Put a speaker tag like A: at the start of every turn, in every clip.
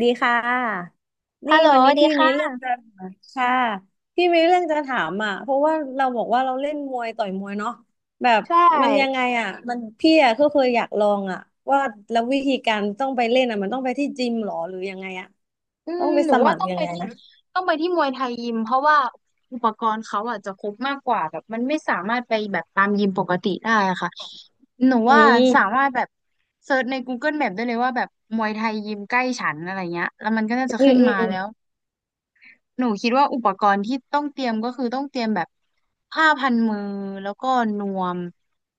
A: ดีค่ะ
B: ฮั
A: นี่
B: ลโหล
A: วัน
B: ส
A: นี้
B: วัสดี
A: พี่มีเรื่อ
B: ค่ะ
A: งจะถามค่ะพี่มีเรื่องจะถามอ่ะเพราะว่าเราบอกว่าเราเล่นมวยต่อยมวยเนาะแบบ
B: ใช
A: มันยัง
B: ่
A: ไงอ่ะพี่อ่ะก็เคยอยากลองอ่ะว่าแล้ววิธีการต้องไปเล่นอ่ะมันต้องไปที่จิมหรอหรือยังไงอ่ะ
B: อื
A: ต้อ
B: ม
A: งไป
B: หนู
A: ส
B: ว่า
A: มัคร
B: ต้อง
A: ยั
B: ไป
A: งไง
B: ที่
A: นะ
B: ต้องไปที่มวยไทยยิม เพราะว่าอุปกรณ์เขาอาะจะครบมากกว่าแบบมันไม่สามารถไปแบบตามยิมปกติได้อะค่ะหนู
A: อื
B: ว่า
A: ม
B: สามารถแบบเซิร์ชใน Google Map ได้เลยว่าแบบมวยไทยยิมใกล้ฉันอะไรเงี้ยแล้วมันก็น่าจะ
A: อื
B: ขึ้
A: ม
B: น
A: อืม
B: มา
A: อืม
B: แล้ว หนูคิดว่าอุปกรณ์ที่ต้องเตรียมก็คือต้องเตรียมแบบผ้าพันมือแล้วก็นวม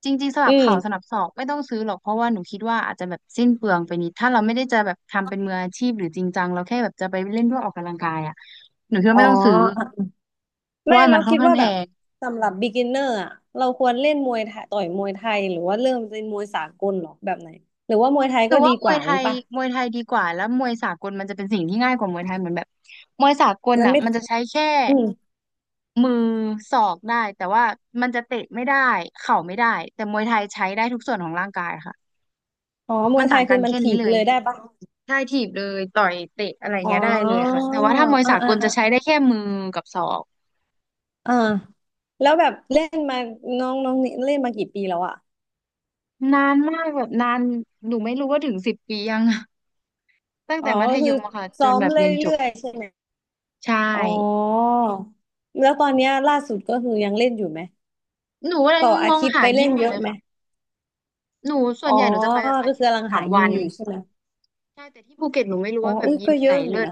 B: จริงๆส
A: อื
B: ลับเข่าสลั
A: ม
B: บศอกไม่ต้องซื้อหรอกเพราะว่าหนูคิดว่าอาจจะแบบสิ้นเปลืองไปนิดถ้าเราไม่ได้จะแบบทำเป็นมืออาชีพหรือจริงจังเราแค่แบบจะไปเล่นเพื่อออกกำลังกายอ่ะหนูคิดว่า
A: อ๋อ
B: ไม่ต้องซื้อเพราะ
A: ไม่
B: ว่ามั
A: เรา
B: นค่อน
A: คิด
B: ข้าง
A: ว่า
B: แพ
A: แบบ
B: ง
A: สำหรับ beginner อจีเอเอ็นอีอาร์อ่ะเราควรเล่นมวยไทยต่อยมวยไทยหรือว่าเริ่มเป็นมวยสากลหรอแบบไหนหรือว่ามวยไทย
B: หนู
A: ก็ดี
B: ว่าม
A: ก
B: ว
A: ว่า
B: ยไท
A: นี้
B: ย
A: ป่ะ
B: มวยไทยดีกว่าแล้วมวยสากลมันจะเป็นสิ่งที่ง่ายกว่ามวยไทยเหมือนแบบมวยสากล
A: มัน
B: อ่ะ
A: ไม่
B: มันจะใช้แค่
A: อืม
B: มือศอกได้แต่ว่ามันจะเตะไม่ได้เข่าไม่ได้แต่มวยไทยใช้ได้ทุกส่วนของร่างกายค่ะ
A: อ๋อม
B: มั
A: ว
B: น
A: ยไท
B: ต่าง
A: ย
B: กั
A: คื
B: น
A: อมัน
B: แค่นี้
A: ถีบ
B: เลย
A: เลยได้ปะ
B: ได้ถีบเลยต่อยเตะอะไร
A: อ๋อ
B: เงี้ยได้เลยค่ะแต่ว่าถ้ามวย
A: อ่า
B: สาก
A: อ่า
B: ลจะ
A: อ่า
B: ใช้ได้แค่มือกับศอก
A: อ่าแล้วแบบเล่นมาน้องน้องนี่เล่นมากี่ปีแล้วอ่ะ
B: นานมากแบบนานหนูไม่รู้ว่าถึง10 ปียังอะ ตั้ง
A: อ๋
B: แต่
A: อ
B: มัธ
A: ก็
B: ย
A: คือ
B: มอะค่ะจ
A: ซ้อ
B: น
A: ม
B: แบบเรียนจ
A: เรื่
B: บ
A: อยๆใช่ไหม
B: ใช่
A: อ๋อ แล้วตอนเนี้ยล่าสุดก็คือยังเล่นอยู่ไหม
B: หนูกำลัง
A: ต่อ
B: ม
A: อา
B: อง
A: ทิตย์
B: หา
A: ไป
B: ยิ
A: เล่
B: ม
A: น
B: อ
A: เย
B: ยู่เล
A: อะ
B: ย
A: ไหม
B: ค่ะหนูส่ว
A: อ๋
B: น
A: อ
B: ใหญ่หนูจะไปแบบอา
A: ก็
B: ทิต
A: คือ
B: ย์
A: กำ
B: ละ
A: ลัง
B: สา
A: หา
B: ม
A: ยิ
B: วั
A: ม
B: น
A: อยู่ใช่ไหม
B: ใช่แต่ที่ภูเก็ตหนูไม่รู้
A: อ๋อ
B: ว่าแบบ
A: อุ้ย
B: ยิ
A: ก็
B: ม
A: เย
B: ไหน
A: อะอ
B: เลิ
A: ยู่
B: ศ
A: นะ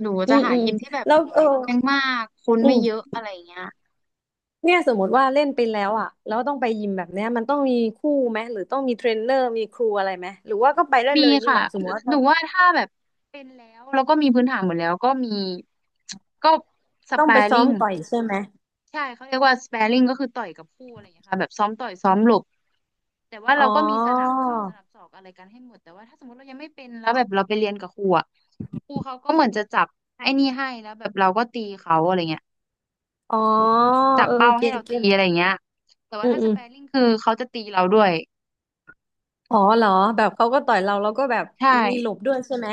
B: หนู
A: อื
B: จะ
A: ม
B: หา
A: อืม
B: ยิมที่แบบ
A: แล้ว
B: ไม่แพงมากคน
A: อื
B: ไม่เย
A: ม
B: อะอะไรเงี้ย
A: เนี่ยสมมติว่าเล่นไปแล้วอ่ะแล้วต้องไปยิมแบบเนี้ยมันต้องมีคู่ไหมหรือต้องมีเทรนเนอร์มีครูอะไรไหมหรือว่าก็ไปได้
B: มี
A: เลยอย่างนี้
B: ค่ะ
A: เหรอสมมติว่า
B: หนูว่าถ้าแบบเป็นแล้วแล้วก็มีพื้นฐานหมดแล้วก็มีก็ส
A: ต้องไป
B: แปา
A: ซ้อ
B: ริ
A: ม
B: ง
A: ต่อยใช่ไหม
B: ใช่เขาเรียกว่าสแปรริงก็คือต่อยกับคู่อะไรอย่างเงี้ยค่ะแบบซ้อมต่อยซ้อมหลบแต่ว่า
A: อ๋อ
B: เราก็มีสนับเข่าสนับศอกอะไรกันให้หมดแต่ว่าถ้าสมมติเรายังไม่เป็นแล้วแบบเราไปเรียนกับครูอ่ะครูเขาก็เหมือนจะจับไอ้นี่ให้แล้วแบบเราก็ตีเขาอะไรเงี้ย
A: อ๋อ
B: จับ
A: เออ
B: เป้า
A: เก็
B: ให้
A: ต
B: เรา
A: เก็
B: ตี
A: ต
B: อะไรเงี้ยแต่
A: อื
B: ว่า
A: ม
B: ถ้าส
A: อืม
B: แปร์ริงคือเขาจะตีเราด้วย
A: อ๋อเหรอแบบเขาก็ต่อยเราแล้วก็แบบ
B: ใช่
A: มีหลบด้วยใช่ไหม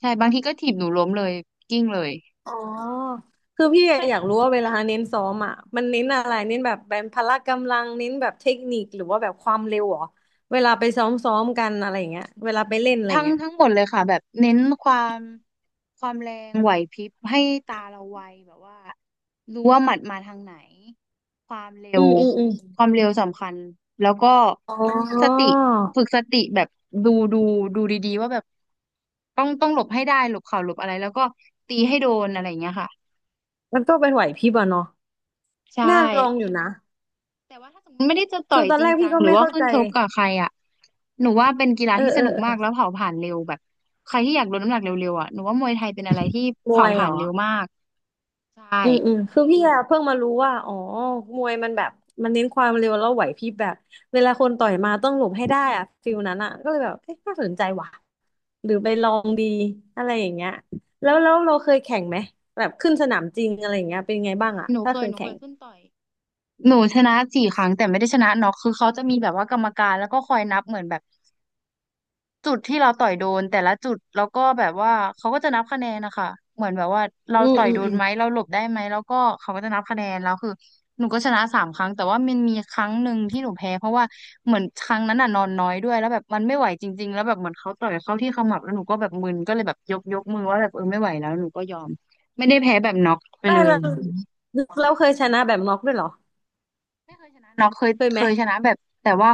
B: ใช่บางทีก็ถีบหนูล้มเลยกิ้งเลย
A: อ๋อคือพี่อยากรู้ว่าเวลาเน้นซ้อมอ่ะมันเน้นอะไรเน้นแบบพละกำลังเน้นแบบเทคนิคหรือว่าแบบความเร็วเหรอเวลาไปซ้อมกันอะไรอย่างเงี้ยเวลาไปเล่นอะไรอ
B: ทั้
A: ย่าง
B: ง
A: เงี้ย
B: ทั้งหมดเลยค่ะแบบเน้นความแรงไหวพริบให้ตาเราไวแบบว่ารู้ว่าหมัดมาทางไหนความเร็
A: อื
B: ว
A: มอืมอืม
B: ความเร็วสำคัญแล้วก็
A: อ๋อ
B: สติฝึกสติแบบดูดูดีๆว่าแบบต้องหลบให้ได้หลบเข่าหลบอะไรแล้วก็ตีให้โดนอะไรอย่างเงี้ยค่ะ
A: มันก็เป็นไหวพริบอะเนาะ
B: ใช่
A: น่าลองอยู่นะ
B: แต่ว่าถ้าสมมติไม่ได้จะต่
A: คื
B: อ
A: อ
B: ย
A: ตอ
B: จ
A: น
B: ริ
A: แร
B: ง
A: ก
B: จั
A: พี่
B: ง
A: ก็
B: หรือ
A: ไม่
B: ว่า
A: เข้า
B: ขึ้
A: ใจ
B: นชกกับใครอ่ะหนูว่าเป็นกีฬา
A: เออ
B: ที่ส
A: เออ
B: นุก
A: เอ
B: มา
A: อ
B: กแล้วเผาผลาญเร็วแบบใครที่อยากลดน้ำหนักเร็วๆอ่ะหนูว่ามวยไทยเป็นอะไรที่
A: ม
B: เผา
A: วย
B: ผ
A: เห
B: ลา
A: ร
B: ญ
A: อ
B: เร็วมากใช่
A: อืม อืม คือพี่อะเพิ่งมารู้ว่า อ๋อ มวยมันแบบ มันเน้นความเร็วแล้วไหวพริบแบบ เวลาคนต่อยมาต้องหลบให้ได้อะฟิลนั้นอะก็เลยแบบเอ๊ะน่าสนใจว่ะ หรือไปลองดี อะไรอย่างเงี้ยแล้วเราเคยแข่งไหมแบบขึ้นสนามจริงอะไรอย่างเงี้ยเป็นไง
B: เค
A: บ้าง
B: ย
A: อะ
B: หนู
A: ถ้า
B: เค
A: เค
B: ย
A: ย
B: หนูเค
A: แข่
B: ย
A: ง
B: ขึ้นต่อยหนูชนะ4 ครั้งแต่ไม่ได้ชนะน็อกคือเขาจะมีแบบว่ากรรมการแล้วก็คอยนับเหมือนแบบ จุดที่เราต่อยโดนแต่ละจุดแล้วก็แบบว่าเขาก็จะนับคะแนนนะคะเหมือนแบบว่าเรา
A: อืม
B: ต่อย
A: อืม
B: โด
A: อื
B: น
A: ม
B: ไหมเราหลบได้ไหมแล้วก็เขาก็จะนับคะแนนแล้วคือหนูก็ชนะ3 ครั้งแต่ว่ามันมีครั้งหนึ่งที่หนูแพ้เพราะว่าเหมือนครั้งนั้นน่ะนอนน้อยด้วยแล้วแบบมันไม่ไหวจริงๆแล้วแบบเหมือนเขาต่อยเข้าที่ขมับแล้วหนูก็แบบมึนก็เลยแบบยกมือว่าแบบเออไม่ไหวแล้วหนูก็ยอมไม่ได้แพ้แบบน็อกไป
A: ไม่
B: เลย
A: เราเคยชนะแบบน็อกด้วยเหรอ
B: ไม่เคยชนะน็อกเคย
A: เคยไห
B: เค
A: ม
B: ยชนะแบบแต่ว่า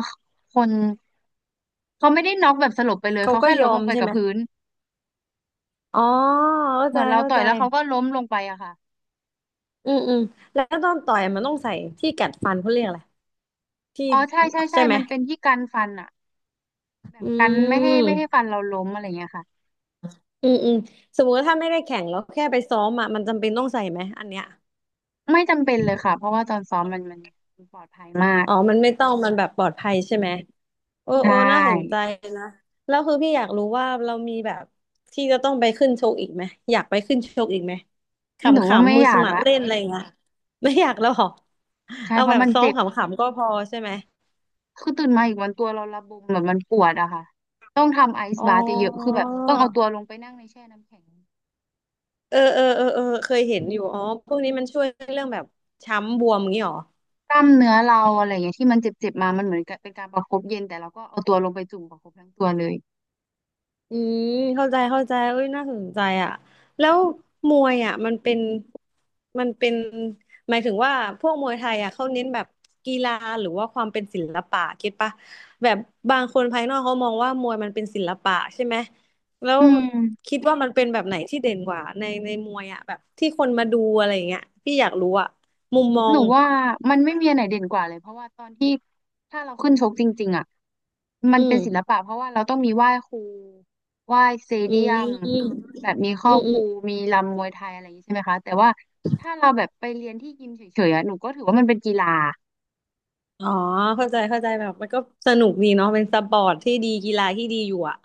B: คนเขาไม่ได้น็อกแบบสลบไปเลย
A: เขา
B: เขา
A: ก็
B: แค่
A: ย
B: ล้
A: อ
B: มล
A: ม
B: งไป
A: ใช่
B: กับ
A: ไหม
B: พื้น
A: อ๋อเข้า
B: เห
A: ใจ
B: มือนเรา
A: เข้า
B: ต่อย
A: ใจ
B: แล้วเขาก็ล้มลงไปอะค่ะ
A: อืมแล้วตอนต่อยมันต้องใส่ที่กัดฟันเขาเรียกอะไรที่
B: อ๋อใช่ใช่ใช่
A: ใช่ไหม
B: มันเป็นที่กันฟันอะแบบ
A: อื
B: กันไม่ให้ฟั
A: ม
B: นเราล้มอะไรเงี้ยค่ะ
A: อืมสมมติว่าถ้าไม่ได้แข่งแล้วแค่ไปซ้อมอ่ะมันจำเป็นต้องใส่ไหมอันเนี้ย
B: ไม่จำเป็นเลยค่ะเพราะว่าตอนซ้อมมันปลอดภัยมาก
A: อ๋อมันไม่ต้องมันแบบปลอดภัยใช่ไหมโอ้
B: ใช
A: โอ้น่าสนใจ
B: ่
A: นะแล้วคือพี่อยากรู้ว่าเรามีแบบที่จะต้องไปขึ้นชกอีกไหมอยากไปขึ้นชกอีกไหม
B: หนูว่า
A: ขำ
B: ไม่
A: ๆมือ
B: อ
A: ส
B: ยาก
A: มัคร
B: ละ
A: เล่นอะไรอย่างเงี้ยไม่อยากแล้วเหรอ
B: ใช่
A: เอา
B: เพ
A: แบ
B: ราะ
A: บ
B: มัน
A: ซ้อม
B: เจ็บ
A: ขำๆก็พอใช่ไหม
B: คือตื่นมาอีกวันตัวเราระบมแบบมันปวดอะค่ะ ต้องทำไอ
A: อ๋
B: ซ์
A: อ
B: บาเยอะๆคือแบบต้องเอาตัวลงไปนั่งในแช่น้ำแข็ง
A: เออเคยเห็นอยู่อ๋อพวกนี้มันช่วยเรื่องแบบช้ำบวมอย่างนี้หรอ
B: กล้ามเนื้อเราอะไรเงี้ยที่มันเจ็บๆมามันเหมือนกับเป็นการประคบเย็นแต่เราก็เอาตัวลงไปจุ่มประคบทั้งตัวเลย
A: อืมเข้าใจเอ้ยน่าสนใจอ่ะแล้วมวยอ่ะมันเป็นหมายถึงว่าพวกมวยไทยอ่ะเขาเน้นแบบกีฬาหรือว่าความเป็นศิลปะคิดปะแบบบางคนภายนอกเขามองว่ามวยมันเป็นศิลปะใช่ไหมแล้ว
B: อืม
A: คิดว่ามันเป็นแบบไหนที่เด่นกว่าในมวยอ่ะแบบที่คนมาดูอะไรอย่างเงี้ยพี่อยากรู้อ่ะมุมมอ
B: หนู
A: ง
B: ว่ามันไม่มีอันไหนเด่นกว่าเลยเพราะว่าตอนที่ถ้าเราขึ้นชกจริงๆอ่ะมั
A: อื
B: นเป็
A: ม
B: นศิลปะเพราะว่าเราต้องมีไหว้ครูไหว้สเต
A: อื
B: เดีย
A: ม
B: ม
A: อืม
B: แบบมีครอ
A: อื
B: บครู
A: ม
B: มีรำมวยไทยอะไรอย่างนี้ใช่ไหมคะแต่ว่าถ้าเราแบบไปเรียนที่ยิมเฉยๆอ่ะหนูก็ถือว่ามันเป็นกีฬา
A: อ๋อเข้าใจแบบมันก็สนุกดีเนาะเป็นสปอร์ตที่ดีกีฬาที่ดีอยู่อะ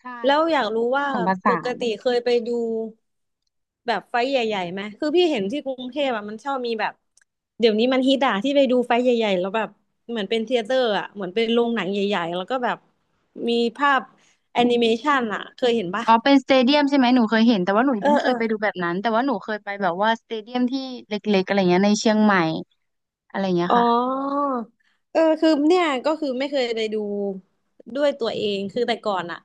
B: ใช่
A: แล้ว
B: แล้ว
A: อ
B: ก็
A: ยาก
B: แบบ
A: รู้ว่า
B: ผสมผ
A: ป
B: สา
A: ก
B: น
A: ติเคยไปดูแบบไฟท์ใหญ่ๆไหมคือพี่เห็นที่กรุงเทพอะมันชอบมีแบบเดี๋ยวนี้มันฮิตอะที่ไปดูไฟท์ใหญ่ๆแล้วแบบเหมือนเป็นเธียเตอร์อะเหมือนเป็นโรงหนังใหญ่ๆแล้วก็แบบมีภาพแอนิเมชันอะเคยเห็นปะ
B: อ๋อเป็นสเตเดียมใช่ไหมหนูเคยเห็นแต่ว่าหนูยั
A: เอ
B: ง
A: อ
B: ไม่เค
A: เอ
B: ย
A: อ
B: ไปดูแบบนั้นแต่ว่าหนูเคยไปแบบว่าสเตเดียมที่เล็กๆอะไรเงี้ยในเชียงใหม่อะไรเงี้ย
A: อ๋
B: ค่ะ
A: อ เออคือเนี่ยก็คือไม่เคยไปดูด้วยตัวเองคือแต่ก่อนอะ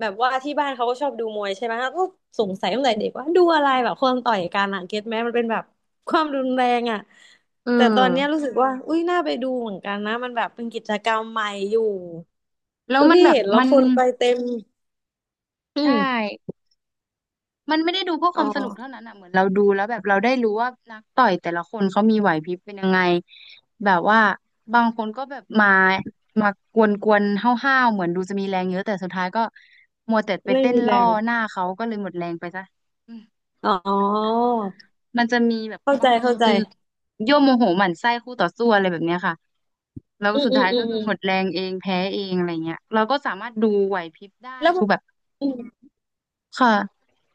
A: แบบว่าที่บ้านเขาก็ชอบดูมวยใช่ไหมก็สงสัยตั้งแต่เด็กว่าดูอะไรแบบคนต่อยกันอะเก็ตไหมมันเป็นแบบความรุนแรงอะ
B: เอ
A: แต่ตอนเนี้ย
B: อ
A: รู้สึกว่าอุ้ยน่าไปดูเหมือนกันนะมันแบบเป็นกิจกรรมใหม่อยู่
B: แล้ว
A: คือ
B: มัน
A: พี่
B: แบบ
A: เห็นแล้
B: มั
A: ว
B: น
A: คนไปเต็มอื
B: ใช่
A: ม
B: มันไม่ได้ดูเพื่อค
A: อ๋อ
B: วามสนุกเท่านั้นอ่ะเหมือนเราดูแล้วแบบเราได้รู้ว่านักต่อยแต่ละคนเขามีไหวพริบเป็นยังไงแบบว่าบางคนก็แบบมามากวนๆห้าวๆเหมือนดูจะมีแรงเยอะแต่สุดท้ายก็มัวแต่ไป
A: ไม่
B: เต้น
A: มีแร
B: ล่อ
A: ง
B: หน้าเขาก็เลยหมดแรงไปซะอืม
A: อ๋อ
B: มันจะมีแบบ
A: เข้า
B: บา
A: ใจ
B: งคน
A: เข้าใจ
B: คือยั่วโมโหหมั่นไส้คู่ต่อสู้อะไรแบบเนี้ยค่ะแล้วก็
A: อืม
B: สุด
A: อืม
B: ท้าย
A: อื
B: ก็
A: ม
B: คื
A: อื
B: อ
A: ม
B: หมดแรงเองแพ้เองอะไรเงี้ยเราก็สามารถดูไหวพริบได้
A: แล้ว
B: ดูแบบค่ะ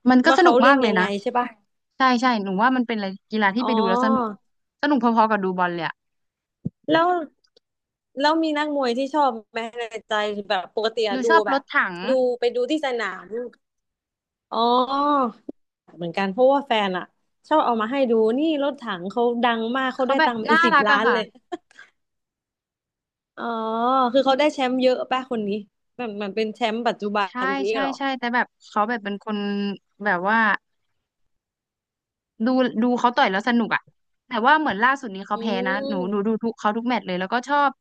B: มันก็
A: ว่า
B: สนุ
A: เขา
B: ก
A: เล่
B: มาก
A: น
B: เลย
A: ยังไง
B: นะ
A: ใช่ป่ะ
B: ใช่ใช่หนูว่ามันเป็นอะไรกีฬาที่
A: อ๋อ
B: ไปดูแล้วสนุกสนุกพอๆกับดูบอลเลยอะ
A: แล้วแล้วมีนักมวยที่ชอบไหมในใจแบบปกติ
B: ห
A: อะ
B: นู
A: ดู
B: ชอบ
A: แบ
B: ร
A: บ
B: ถถัง
A: ดูไปดูที่สนามอ๋อเหมือนกันเพราะว่าแฟนอะชอบเอามาให้ดูนี่รถถังเขาดังมากเขา
B: เขา
A: ได้
B: แบ
A: ตั
B: บ
A: งค์เป็น
B: น่า
A: สิบ
B: รัก
A: ล้า
B: อะ
A: นเลย
B: ค่ะ
A: อ๋อคือเขาได้แชมป์เยอะป่ะคนนี้มันเป็นแชมป์ปัจจุบั
B: ใช่
A: นนี้
B: ใช่
A: เหรอ
B: ใช่แต่แบบเขาแบบเป็นคนแบบว่าดูดูเขาต่อยแล้วสนุกอะแต่ว่าเหมือนล่าสุดนี้เขา
A: อื
B: แพ้นะหนูดู
A: ม
B: ทุกเขาทุกแมตช์เลยแล้วก็ชอบ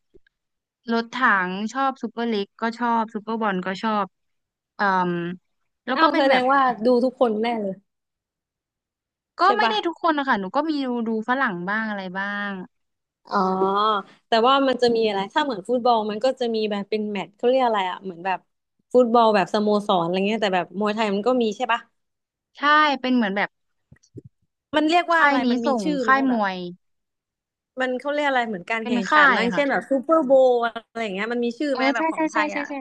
B: รถถังชอบซูเปอร์ลีกก็ชอบซูเปอร์บอลก็ชอบเอ่มแล้ว
A: อ้า
B: ก็
A: ว
B: เป็น
A: แส
B: แบ
A: ด
B: บ
A: งว่าดูทุกคนแน่เลย
B: ก็
A: ใช่
B: ไม่
A: ป่ะ
B: ได้ทุกคนนะคะหนูก็มีดูฝรั่งบ้างอะไรบ้าง
A: อ๋อแต่ว่ามันจะมีอะไรถ้าเหมือนฟุตบอลมันก็จะมีแบบเป็นแมตช์เขาเรียกอะไรอ่ะเหมือนแบบฟุตบอลแบบสโมสรอะไรเงี้ยแต่แบบมวยไทยมันก็มีใช่ปะ
B: ใช่เป็นเหมือนแบบ
A: มันเรียกว่า
B: ค่า
A: อะ
B: ย
A: ไร
B: นี้
A: มันมี
B: ส่ง
A: ชื่อไหม
B: ค่ายม
A: แบบ
B: วย
A: มันเขาเรียกอะไรเหมือนการ
B: เป็น
A: แข่ง
B: ค่า
A: ขัน
B: ย
A: อัน
B: ค่ะ
A: เช่นแบบซูเปอร์โบว์อะไรอย่างเงี้ยมันมีชื่อ
B: เออ
A: ไหมแบ
B: ใช่
A: บขอ
B: ใช่
A: งไท
B: ใช่
A: ย
B: ใช่
A: อ่ะ
B: ใช่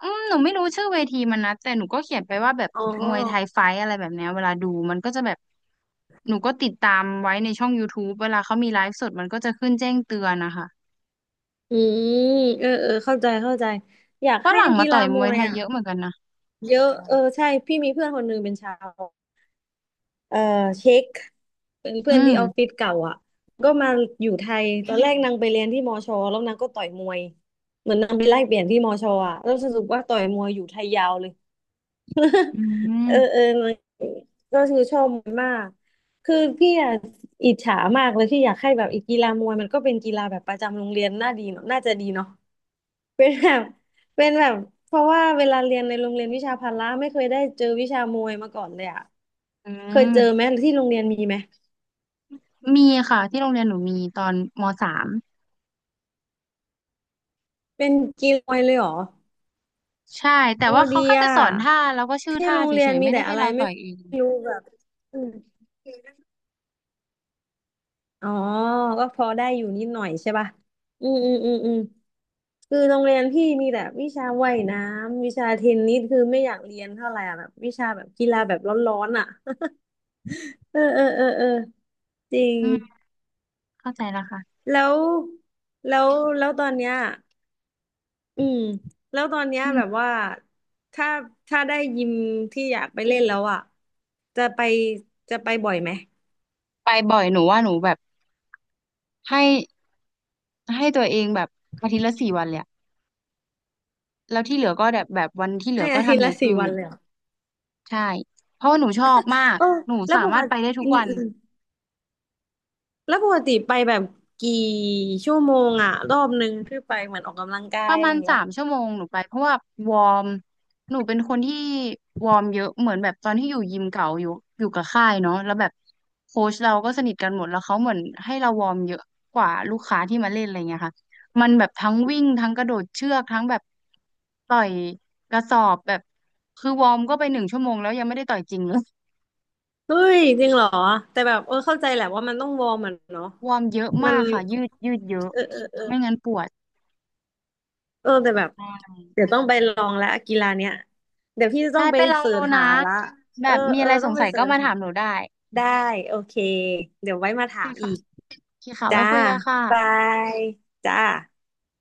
B: อืมหนูไม่รู้ชื่อเวทีมันนะแต่หนูก็เขียนไปว่าแบบ
A: อ๋
B: มวยไทย
A: อ
B: ไฟท์อะไรแบบเนี้ยเวลาดูมันก็จะแบบหนูก็ติดตามไว้ในช่อง YouTube เวลาเขามีไลฟ์สดมันก็จะขึ้นแจ้งเตือนนะคะ
A: อืมเออเออเข้าใจเข้าใจอยาก
B: ฝ
A: ให้
B: รั่งมา
A: กี
B: ต่
A: ฬา
B: อยม
A: ม
B: วย
A: วย
B: ไทย
A: อ่ะ
B: เยอะเหมือนกันนะ
A: เยอะเออใช่พี่มีเพื่อนคนหนึงเป็นชาว เอ่อเช็คเป็น
B: อื
A: เพื่อน
B: ม
A: ที่ออฟฟิศเก่าอ่ะก็มาอยู่ไทยตอนแรกนางไปเรียนที่มอชอแล้วนางก็ต่อยมวยเหมือนนางไปไล่เปลี่ยนที่มอชออ่ะแล้วสรุปว่าต่อยมวยอยู่ไทยยาวเลย
B: อื
A: เออเอ
B: ม
A: อนางก็คือชอบมวยมากคือพี่อ่ะอิจฉามากเลยที่อยากให้แบบอีกกีฬามวยมันก็เป็นกีฬาแบบประจำโรงเรียนน่าดีเนอะน่าจะดีเนาะเป็นแบบเป็นแบบเพราะว่าเวลาเรียนในโรงเรียนวิชาพละไม่เคยได้เจอวิชามวยมาก่อนเลยอ่ะ
B: อื
A: เคยเจอไหม
B: ม
A: ที่โรงเรียนมีไหม
B: มีค่ะที่โรงเรียนหนูมีตอนม.3
A: เป็นกีฬอยเลยเหรอ
B: ใช่แต่
A: โอ้
B: ว่า
A: ดี
B: เขาแค่จะ
A: อ่ะ
B: สอนท่าแล้วก็ชื่อ
A: ที่
B: ท่า
A: โรง
B: เฉ
A: เรียน
B: ยๆ
A: มี
B: ไม่ได้
A: แต่
B: ให้
A: อะไร
B: เราต่
A: ไม่
B: อยเอง
A: รู้แบบอืมอ๋อก็พอได้อยู่นิดหน่อยใช่ป่ะอืมอืมอืมอืมคือโรงเรียนพี่มีแต่วิชาว่ายน้ำวิชาเทนนิสคือไม่อยากเรียนเท่าไหร่อะแบบวิชาแบบกีฬาแบบร้อนๆอ่ะ เออเออเออเออจริง
B: อืมเข้าใจแล้วค่ะ
A: แล้วแล้วแล้วตอนเนี้ย อืมแล้วตอนเนี้ย
B: อื
A: แบบ
B: ม
A: ว่าถ้าถ้าได้ยิมที่อยากไปเล่นแล้วอ่ะจะไปจะไปบ่อยไหม
B: ไปบ่อยหนูว่าหนูแบบให้ ให้ตัวเองแบบอาทิตย์ละ4 วันเลยอะแล้วที่เหลือก็แบบแบบวันที่เหลื
A: ให้
B: อก็
A: อาทิต
B: ทำ
A: ย์
B: อ
A: ละ
B: ย่าง
A: สี่
B: อื่
A: วัน
B: น
A: เลยเหรอ
B: ใช่เพราะว่าหนูชอบมาก
A: เออ
B: หนู
A: แล้ว
B: สา
A: ป
B: มา
A: ก
B: รถไป
A: ติ
B: ได้ทุ
A: อื
B: ก
A: ม
B: วัน
A: อืมแล้วปกติไปแบบกี่ชั่วโมงอ่ะรอบนึงที่ไปเหมือนออกกำลังกา
B: ป
A: ย
B: ระ
A: อะ
B: มา
A: ไรอ
B: ณ
A: ย่าง
B: สา
A: เงี้ย
B: มชั่วโมงหนูไปเพราะว่าวอร์มหนูเป็นคนที่วอร์มเยอะเหมือนแบบตอนที่อยู่ยิมเก่าอยู่กับค่ายเนาะแล้วแบบโค้ชเราก็สนิทกันหมดแล้วเขาเหมือนให้เราวอร์มเยอะกว่าลูกค้าที่มาเล่นอะไรเงี้ยค่ะมันแบบทั้งวิ่งทั้งกระโดดเชือกทั้งแบบต่อยกระสอบแบบคือวอร์มก็ไป1 ชั่วโมงแล้วยังไม่ได้ต่อยจริงเลย
A: เฮ้ยจริงเหรอแต่แบบเออเข้าใจแหละว่ามันต้องวอร์มอ่ะเนาะ
B: วอร์มเยอะ
A: มั
B: มา
A: น
B: กค่ะยืดยืดเยอะ
A: เออเออเออ
B: ไม่งั้นปวด
A: เออแต่แบบ
B: มาก
A: เดี๋ยวต้องไปลองแล้วกีฬาเนี้ยเดี๋ยวพี่จะต้
B: ใช่
A: องไป
B: ไปลอง
A: เสิร์
B: ดู
A: ช
B: นะ
A: หาละ
B: แบ
A: เออ
B: บมี
A: เอ
B: อะ
A: อ
B: ไรส
A: ต้อ
B: ง
A: งไป
B: สัย
A: เสิ
B: ก็
A: ร์ช
B: มา
A: หา
B: ถามหนูได้
A: ได้โอเคเดี๋ยวไว้มาถา
B: ใช่
A: มอี
B: ค่ะ
A: ก
B: โอเคค่ะไว้
A: จ้า
B: คุยกันค่ะ
A: บายจ้า